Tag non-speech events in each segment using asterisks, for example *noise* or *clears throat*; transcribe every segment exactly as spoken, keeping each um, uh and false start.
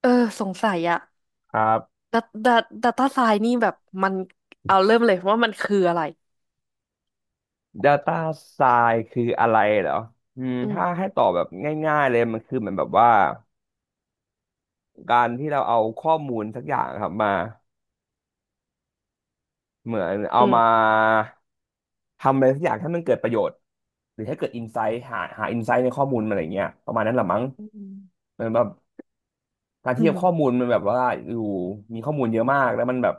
เออสงสัยอะครับ ดัตดัตดัตต้าไซน์นี่แบบมันเอาเริ่มเลยว่ามันคืออะไร Data Science คืออะไรเหรออืมอืมถ้าให้ตอบแบบง่ายๆเลยมันคือเหมือนแบบว่าการที่เราเอาข้อมูลสักอย่างครับมาเหมือนเอาอืมามทำอะไรสักอย่างให้มันเกิดประโยชน์หรือให้เกิดอินไซต์หาหาอินไซต์ในข้อมูลมันอะไรเงี้ยประมาณนั้นแหละมั้งอืมเหมือนแบบการอืที่มข้อมูลมันแบบว่าอยู่มีข้อมูลเยอะมากแล้วมันแบบ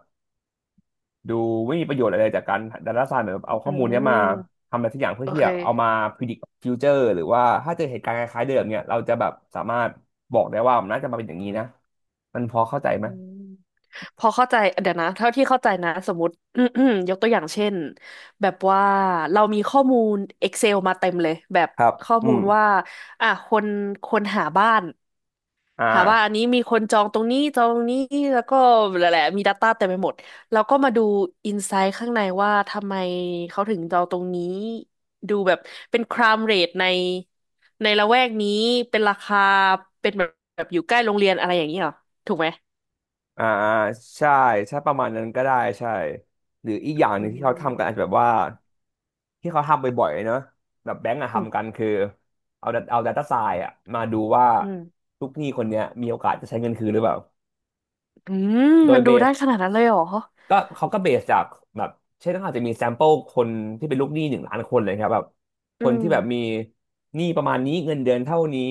ดูไม่มีประโยชน์อะไรจากการดัตต้าไซน์เหมือนแบบเอาข้อือมูลเนี้ยมามทำอะไรสักอย่างเพื่อโอที่เแบบเอามาคพิจิตรฟิวเจอร์หรือว่าถ้าเจอเหตุการณ์คล้ายๆเดิมเนี่ยเราจะแบบสามารถบอกได้ว่ามันน่าจะมาเป็นอย่างนี้นะมันพอเข้าใจไหมอืมพอเข้าใจเดี๋ยวนะเท่าที่เข้าใจนะสมมติ *clears throat* ยกตัวอย่างเช่นแบบว่าเรามีข้อมูล Excel มาเต็มเลยแบบครับข้ออืมูลมว่าอ่ะคนคนหาบ้าน อ่าหาว่าอันนี้มีคนจองตรงนี้จองตรงนี้แล้วก็แหละๆมี Data เต็มไปหมดแล้วก็มาดูอินไซต์ข้างในว่าทำไมเขาถึงจองตรงนี้ดูแบบเป็นครามเรทในในละแวกนี้เป็นราคาเป็นแบบแบบอยู่ใกล้โรงเรียนอะไรอย่างนี้เหรอถูกไหมอ่าอ่าใช่ใช่ประมาณนั้นก็ได้ใช่หรืออีกอย่างหอืนึ่งที่เขาทำกันอามจจะแบบว่าที่เขาทำบ่อยๆเนอะแบบแบงก์อะอืทำกันมคือเอา d เอาดัตต้าไซน์อะมาดูว่าอืมลูกหนี้คนเนี้ยมีโอกาสจะใช้เงินคืนหรือเปล่าอืมโดมัยนเบดูได้ส ขนาดนั้นเลยเหรอก็เขาก็เบสจากแบบเช่นเขาอาจจะมีแซมเปิลคนที่เป็นลูกหนี้หนึ่งล้านคนเลยครับแบบคอืนมที่แบบมีหนี้ประมาณนี้เงินเดือนเท่านี้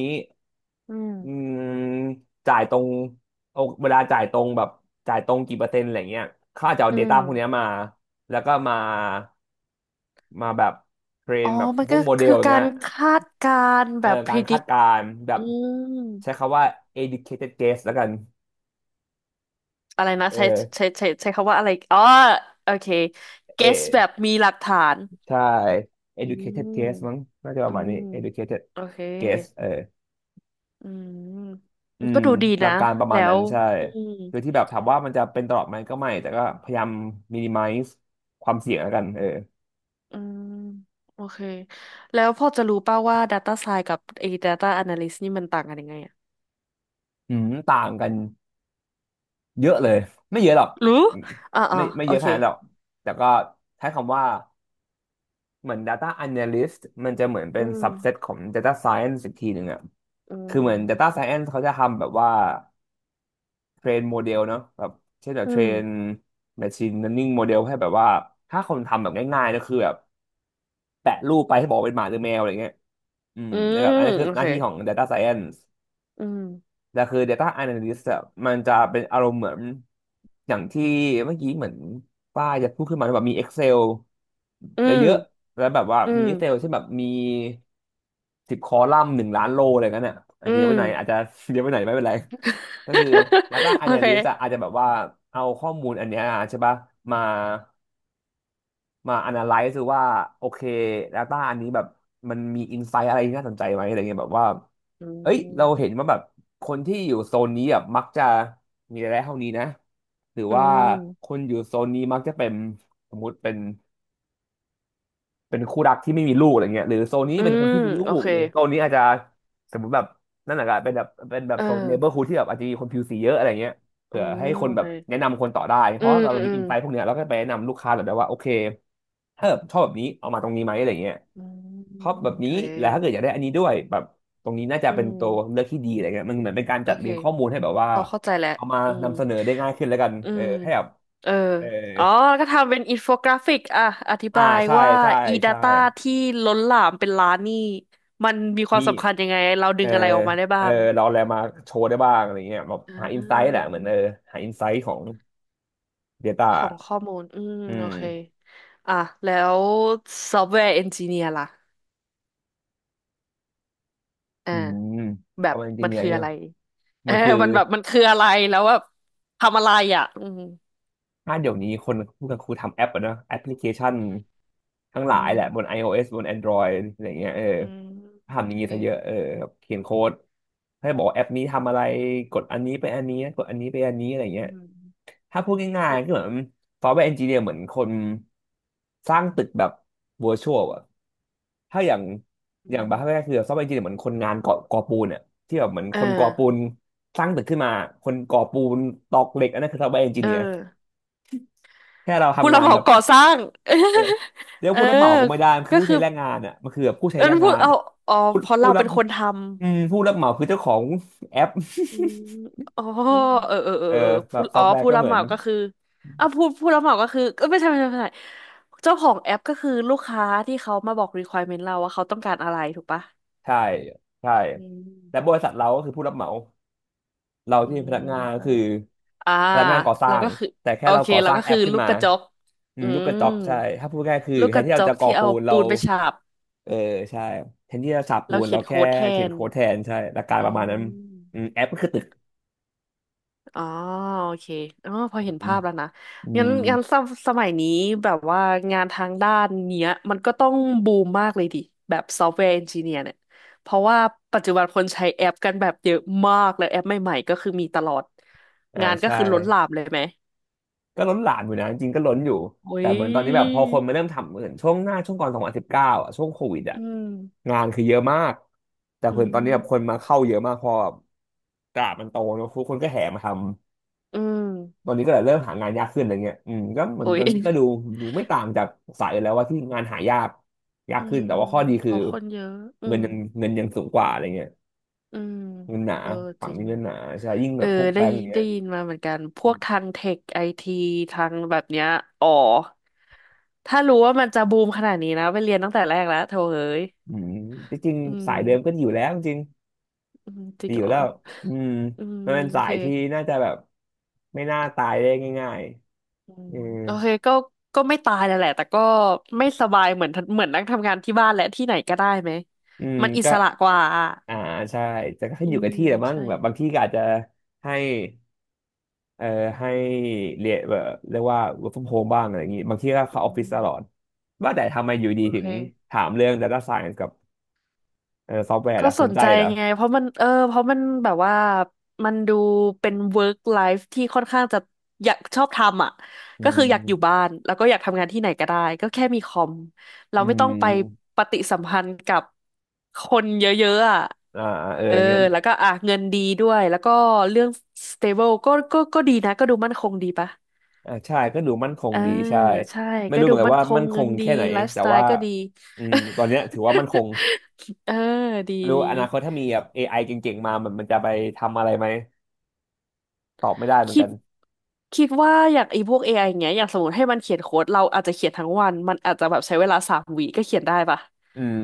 อืมอืมจ่ายตรงโอเวลาจ่ายตรงแบบจ่ายตรงกี่เปอร์เซ็นต์อะไรเงี้ยเขาอาจจะเอา อื Data มพวกเนี้ยมาแล้วก็มามาแบบเทรอ๋นอแบบมันพวก็กโมเดลคืออย่างกาเงี้ยรคาดการณ์เอแบอบ การคาด predict การณ์แบบอืม ใช้คำว่า educated guess แล้วกันอะไรนะเอใช้อใช้ใช้ใช้คำว่าอะไรอ๋อโอเค guess แบเอ บมีหลักฐานใช่ อืม educated guess มั้งน่าจะปอืระมาณมนี้ educated โอเค guess เอออืมอืมันก็มดูดีหลันะกการประมาแล้ณนั้วนใช่อืมคือที่แบบถามว่ามันจะเป็นตลอดไหมก็ไม่ แต่ก็พยายาม minimize ความเสี่ยงแล้วกันเอออืมโอเคแล้วพอจะรู้ป่าวว่า Data Science กับไอ้ Data Analyst นี่มันต่างกันยังไงอะอืมต่างกันเยอะเลย ไม่เยอะหรอก รู้อ่าอ่าไม่ไม่โอเยอะขเคนาดนั้นหรอก แต่ก็ใช้คำว่าเหมือน data analyst มันจะเหมือนเป็อืน ม subset ของ data science อีกทีหนึ่งอะอืคือเหมือน data ม science เขาจะทำแบบว่า เทรนโมเดลเนาะแบบเช่นแบบอืเทรมน machine learning โมเดลให้แบบว่าถ้าคนทำแบบง่ายๆก็คือแบบแปะรูปไปให้บอกว่าเป็นหมาหรือแมวอะไรเงี้ยอืมอืแล้วแบมบอันนี้คือโอหเคน้าที่ของ Data Science อืมแต่คือ Data Analyst อะมันจะเป็นอารมณ์เหมือนอย่างที่เมื่อกี้เหมือนป้าจะพูดขึ้นมาแบบมี Excel อืมเยอะๆแล้วแบบว่าอืมี ม Excel เช่นแบบมีสิบคอลัมน์หนึ่งล้านโลอะไรเงี้ยน่ะอาจอืจะเยอะไปม หน่อยอาจจะ *laughs* เยอะไปหน่อยไม่เป็นไร ก็คือ Data *laughs* โอเค Analyst อะอาจจะแบบว่าเอาข้อมูลอันเนี้ยใช่ปะมามา analyze ดูว่าโอเค Data อันนี้แบบมันมี insight อะไรที่น่าสนใจไหมอะไรเงี้ยแบบว่าอืเอ้ยเราเห็นม ว่าแบบคนที่อยู่โซนนี้แบบมักจะมีรายได้เท่านี้นะหรืออืว่าคม นอยู่โซนนี้มักจะเป็นสมมุติเป็น เป็นคู่รักที่ไม่มีลูกอะไรเงี้ยหรือโซนนี้อืเป็นคนม ที่มีลูโอกเค หรือโซนนี้อาจจะสมมติแบบนั่นแหละครับเป็นแบบเป็นแบบเอโซนเนเบอร์ฮูอ ดที่แบบอาจจะมีคนผิวสีเยอะอะไรเงี้ยอืเผื่อให้มคนโอแบเคบแนะนำคนต่อได้เพอืราะมเราอืมีม อินไซต์พวกเนี้ยเราก็ไปแนะนำลูกค้าแบบได้ว่าโอเคถ้าแบบชอบแบบนี้เอามาตรงนี้ไหมอะไรเงี้ยอืม ชอบแบบโอนี้เคแล้วถ้าเกิดอยากได้อันนี้ด้วยแบบตรงนี้น่าจะอืเป็นตัวเลืมอกที่ดีอะไรเงี้ยมันเหมือนเป็นการโอจัดเคเรียงข้อมูลให้แบบว่าพอเข้าใจแล้ว เอามาอืม นำเสนอได้ง่ายขึ้นแล้วกันอืเออม ให้แบบเออ เอออ๋อแล้วก็ทำเป็นอินโฟกราฟิกอ่ะอธิอ่าบายใช่ว่า ใช่ใช่ e-data ที่ล้นหลามเป็นล้านนี่มันมีความมี สำคัญยังไงเราดึเอองอะไรออกมาได้เอบ้าองเราเอาอะไรมาโชว์ได้บ้างอะไรเงี้ยแบบอ่หาอินไซต์แหละาเหมือนเออหาอินไซต์ของ ของ Data ข้อมูลอืม อืโอมเคอ่ะแล้วซอฟต์แวร์เอนจิเนียร์ล่ะอ่า อืมแบเอาบจริมังๆนเนี่ยคือเนี่อะยไรเออมันคือมันแบบมันคืออะไรแล้วแบบทำอะไรอ่ะอืมถ้าเดี๋ยวนี้คนพูดกันครูทำแอปอะเนอะแอปพลิเคชันทั้งหลาอืยมแหละบน ไอ โอ เอส บน แอนดรอยด์ อะไรเงี้ยเอออืมทำอโอย่างนี้เคซะเยอะเออแบบเขียนโค้ดให้บอกว่าแอปนี้ทำอะไรกดอันนี้ไปอันนี้กดอันนี้ไปอันนี้อะไรเงี้อืย มถ้าพูดง่ายๆก็เหมือนซอฟต์แวร์เอนจิเนียร์เหมือนคนสร้างตึกแบบว i ชวลอะถ้าอย่างอือย่างบามร์แรกคือซอฟต์แวร์เอนจิเนียร์เหมือนคนงานก่อก่อปูนเนี่ยที่แบบเหมือนเอคอนก่อปูนสร้างตึกขึ้นมาคนก่อปูนตอกเหล็กอันนั้นคือซอฟต์แวร์เอนจิเออเนียร์แค่เราผู้ทำรังาบนเหแบมาบก่อสร้าง เออเรีย *laughs* กเอว่าอผู้รับเหมาก็ไม่ได้มันคือก็ผู้คืใช้อแรงงานอ่ะมันคือแบบผู้ใช้เออแรงพูงาดนเอาอะอ๋อผู้เพราะผู้เรารับเป็นคนทอืมผู้รับเหมาคือเจ้าของแอปำอืมอ๋อเออเออเออเออเออแบผู้บซออ๋อฟต์แวร์ผู้ก็รัเหบมืเหอนมาก็คืออ่ะผู้ผู้รับเหมาก็คือเออไม่ใช่ไม่ใช่ไม่ใช่เจ้าของแอปก็คือลูกค้าที่เขามาบอก requirement เราว่าเขาต้องการอะไรถูกปะใช่ใช่อืม และบริษัทเราก็คือผู้รับเหมา เราอืที่เป็นมพนักงาไม่นก็ใช่คืหรออกอ่าพนักงานก่อสร้าเรางก็คือแต่แค่โอเราเคก่อเราสร้างก็แอคือปขึ้นลูกมากระจกอือืมลูกกระมจอกใช่ถ้าพูดง่ายๆคือลูกแทกนระที่จเราจะกก่อที่ปูเอานเราปูนไปฉาบเออใช่แทนที่จะฉาบปูแล้วนเขีเรายนแค่โค้ดแทเขียนนโค้ดแทนใช่หลักการปอืระมาณนั้นมอืมแอปก็คือตึกอ๋อโอเคอ๋อพอเห็นอืมภาพแล้วนะอืงั้นมงั้นสมสมัยนี้แบบว่างานทางด้านเนี้ยมันก็ต้องบูมมากเลยดิแบบซอฟต์แวร์เอนจิเนียร์เนี่ยเพราะว่าปัจจุบันคนใช้แอปกันแบบเยอะมากแล้วแอปใหม่ๆก็คือมีตลอดอ่างานก็ใช่คือล้นหลามเลยไหมก็ล้นหลามอยู่นะจริงๆก็ล้นอยู่โอ้แต่เหมือนตอนนี้แบบพอยคนมาเริ่มทำเหมือนช่วงหน้าช่วงก่อนสองพันสิบเก้าอ่ะช่วงโควิดอ่ะอืม งานคือเยอะมากแต่อืเหมือนตอนมนี้แบบคนมาเข้าเยอะมากเพอแบบตลาดมันโตเนอะทุกคนก็แห่มาทำ อืมตอนนี้ก็เลยเริ่มหางานยากขึ้นอะไรเงี้ยอืมก็เหมือโอ้นตยอนนี้ก็ดูดูไม่ต่างจากสายอื่นแล้วว่าที่งานหายากยากอืขึ้นมแต่ว่าข้อดีเพคือราะคนเยอะอืเงินมยังเงินยังสูงกว่าอะไรเงี้ยอืมเงินหนาเออจฝั่งริงนี้เงินหนาใช่ยิ่งเอแบอบพวกได้แบงก์ยิอนย่างเงี้ได้ยยินมาเหมือนกันพวกทางเทคไอทีทางแบบเนี้ยอ๋อถ้ารู้ว่ามันจะบูมขนาดนี้นะไปเรียนตั้งแต่แรกแล้วโถเอ้ยอืมจริงอืๆสายเดิมก็มดีอยู่แล้วจริงอืมจริดีงอเหรยู่อแล้วอืมอืมมันเป็นโอสาเคยที่น่าจะแบบไม่น่าตายได้ง่ายอืๆมอือโอเคก็ก็ไม่ตายแล้วแหละแต่ก็ไม่สบายเหมือนเหมือนนั่งทำงานที่บ้านและที่ไหนก็ได้ไหมอืมมันอิก็สระกว่าอ่าใช่แต่ก็ขึ้อืนอยู่กับมที่แหละมั้งใช่ แบบบางที่ก็อาจจะให้ เอ่อให้เรียนแบบเรียกว่า work from home บ้างอะไรอย่างงี้บางทีก็อืเข้าออฟฟิศตลอดมว่าแต่ทำไมอยู่ดีโอถึเคงถามเรื่อง data science กับเอ่อซอฟต์แวร์ก็ล่ะสสนนใจใจเหรอไงเพราะมันเออเพราะมันแบบว่ามันดูเป็น work life ที่ค่อนข้างจะอยากชอบทำอ่ะอืก็คืออยากอยู่มบ้านแล้วก็อยากทำงานที่ไหนก็ได้ก็แค่มีคอมเราอืไม่ต้องไปมปฏิสัมพันธ์กับคนเยอะๆอ่ะอ่าเออเอองั้นแล้วก็อ่ะเงินดีด้วยแล้วก็เรื่อง stable ก็ก็ก็ดีนะก็ดูมั่นคงดีปะอ่าใช่ก็ดูมั่นคงเออดีใช่ใช่ไม่ก็รู้เหดูมือนกันมั่นว่าคงมั่นคเงิงนดีแค่ไหนไลฟ์สแต่ไตว่าล์ก็ดี อืมตอนเนี้ยถือว่ามั่นคง *laughs* เออดีไม่รู้ดี อนาคตถ้ามีแบบ เอ ไอ เก่งๆมามันมันจะไปทำอะไรไหมตอบไม่ได้เหมือนคิกัดนคิดว่าอย่างไอ้พวก เอ ไอ อไออย่างเงี้ยอย่างสมมติให้มันเขียนโค้ดเราอาจจะเขียนทั้งวันมันอาจจะแบบใช้เวลาสามวิก็เขียนได้ปะอืม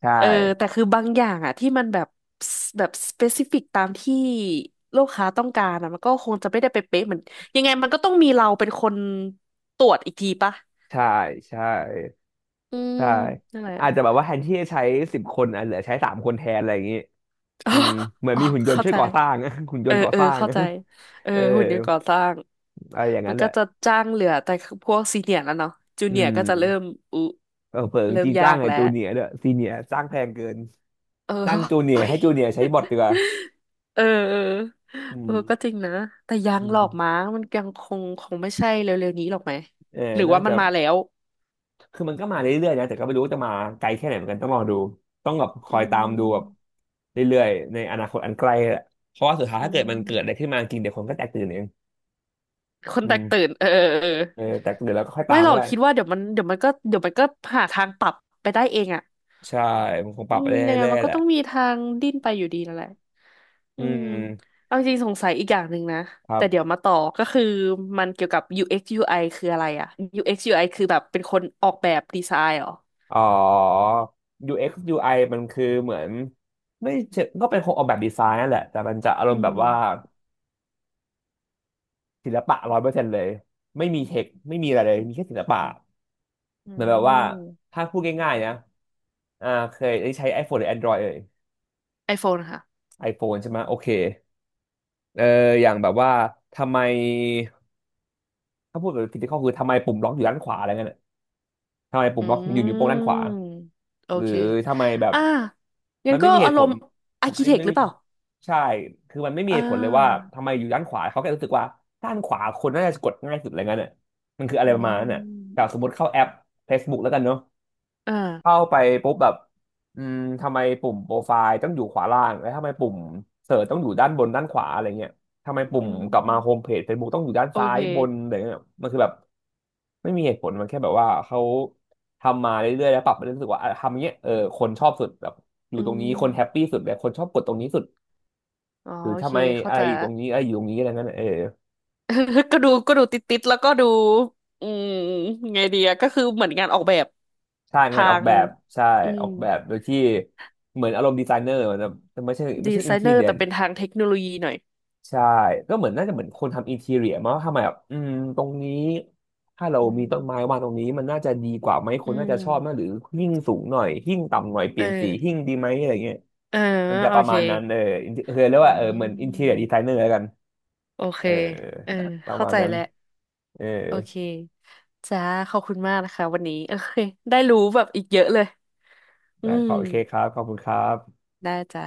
ใช่เออแต่คือบางอย่างอะที่มันแบบสแบบสเปซิฟิกตามที่ลูกค้าต้องการอะมันก็คงจะไม่ได้ไปเป๊ะเหมือนยังไงมันก็ต้องมีเราเป็นคนตรวจอีกทีปะใช่ใช่ อืมใช่นั่นแหละ อาจจะแบบว่าแทนที่จะใช้สิบคนอ่ะเหลือใช้สามคนแทนอะไรอย่างงี้อ๋ออืมเหมือนอ๋อมีหุ่นยนต์เข้าช่วยใจ ก่อสร้าง *laughs* หุ่นยเออนต์ก่อเอสอร้าง เข้าใจเอ *laughs* อเออหุ่นยนต์ก่อสร้างอะไรอย่างมันั้นนแหก็ละจะจ้างเหลือแต่พวกซีเนียร์แล้วเนาะจูอืเนียร์ก็จะเริ่มมอุเออเผิงเริ่จีมนยาจ้างกไอ้แล้วจูเนียร์ด้วยซีเนียร์จ้างแพงเกินเออ จ้าง *laughs* จูเนียเฮ้ร์ยให้จูเนียร์ใช้บอทดีกว่าเออเอออืเออมก็จริงนะ แต่ยังอืหลอมกมั้งมันยังคงคงไม่ใช่เร็วๆนี้หรอกไหม เออหรือน่าว่ามัจะนมาแล้วคือมันก็มาเรื่อยๆนะแต่ก็ไม่รู้ว่าจะมาไกลแค่ไหนเหมือนกันต้องรอดูต้องแบบคอือยตามดูแบบมเรื่อยๆในอนาคตอันไกลแหละเพราะว่าสุดท้ายอืถ้าเกิดมันเกิดอะไรมขึ้นมาจริงเดี๋ยวคนก็แตกตื่นเองคนอืแตกตื่มนเออเออเออเออแต่เดี๋ยวเราก็ค่อยตาไม่มหรอก็กได้ คิดว่าเดี๋ยวมันเดี๋ยวมันก็เดี๋ยวมันก็หาทางปรับไปได้เองอ่ะ ใช่มันคงปอืรับไปมเรยังไงื่อมัยนๆแหก็ละต้องมีทางดิ้นไปอยู่ดีนั่นแหละ อือืมมเอาจริงสงสัยอีกอย่างหนึ่งนะ ครัแต่บเดี๋ยวมาต่อก็คือมันเกี่ยวกับ UX UI คืออะไรอะ UX UI คือแบบเป็นคนออกแบบดีไซน์เหรออ๋อ ยู เอ็กซ์ ยู ไอ มันคือเหมือนไม่เชิงก็เป็นคงออกแบบดีไซน์นั่นแหละ แต่มันจะอารอืมณ์แบบมว่าศิลปะร้อยเปอร์เซ็นต์เลย ไม่มีเทค ไม่มีอะไรเลย มีแค่ศิลปะอืเหมือนแบบว่าม ถ้าพูดง่ายๆนะอ่าเคยได้ใช้ iPhone หรือ Android เอ่ย iPhone ค่ะ iPhone ใช่ไหม โอเคเอออย่างแบบว่าทำไมถ้าพูดแบบ physical คือทำไมปุ่มล็อกอยู่ด้านขวาอะไรเงี้ย ทำไมปุ่อืมล็อกถึงอยู่นิ้วโป้งด้านขม วาโอหรือเคทำไมแบบอ่างั้มันนไม่ก็มีเหอาตุรผมลณ์อาทำร์ไมคิเทคไม่หรือมีเปล่าใช่คือมันไม่มีอ่เหตุผลเลยว่าาทำไมอยู่ด้านขวาเขาแค่รู้สึกว่าด้านขวาคนน่าจะกดง่ายสุดอะไรเงี้ยน่ะมันคืออะไรอืประมาณนั้นน่ะแต่สมมมติเข้าแอป Facebook แล้วกันเนาะ อเข้า่าไปปุ๊บแบบอืมทำไมปุ่มโปรไฟล์ต้องอยู่ขวาล่างแล้วทำไมปุ่มเสิร์ชต้องอยู่ด้านบนด้านขวาอะไรเงี้ยทำไมปุ่อืมกลับมาโฮมม เพจ Facebook ต้องอยู่ด้านโอซ้าเค ยบนอะไรเงี้ยมันคือแบบไม่มีเหตุผลมันแค่แบบว่าเขาทำมาเรื่อยๆแล้วปรับไปเรื่อยๆรู้สึกว่าอ่ะทำอย่างเงี้ยเออคนชอบสุดแบบอยู่อืตรงนี้คนแฮปม ปี้สุดแบบคนชอบกดตรงนี้สุดอ๋อหรือโอเค ทำไมเข้าอะไรใจอยู่ละ ตรงนี้อะไรอยู่ตรงนี้อะไรเงี้ยเออ *laughs* ก็ดูก็ดูติดติดแล้วก็ดูอืมไงดีอะก็คือเหมือนงานออกแบบใช่งาทานออกงแบบใช่อือมอกแบบโดยที่เหมือนอารมณ์ดีไซเนอร์มันจะไม่ใช่ไม่ดีใช่ไซอินเนทีอร์เรีย แต่เป็นทางเทคโนโลยีหน่อยใช่ก็เหมือนน่าอืจะเหมือนมคนทำอินทีเรียมั้งทำไมแบบอืมตรงนี้ถ้าเราอืมีต้นไม้มวางตรงนี้มันน่าจะดีกว่าไหมคอืนน่ามจะชอบนะหรือหิ้งสูงหน่อยหิ้งต่ำหน่อยเปเอลี่อยนสีหิ้งดีไหมอะไรเงี้ยเออมันจะโอประเคมาณนั้นเออ inter- เคยเรียกอืว่าเออเหมือนอินทีเรียดีมไซเนอร์แล้วกันโอเคเออเออประเข้ามาณใจนั้นแล้วเออโอเคจ้าขอบคุณมากนะคะวันนี้ *laughs* โอเคได้รู้แบบอีกเยอะเลยอืได้มขอบโอเคครับขอบคุณครับได้จ้า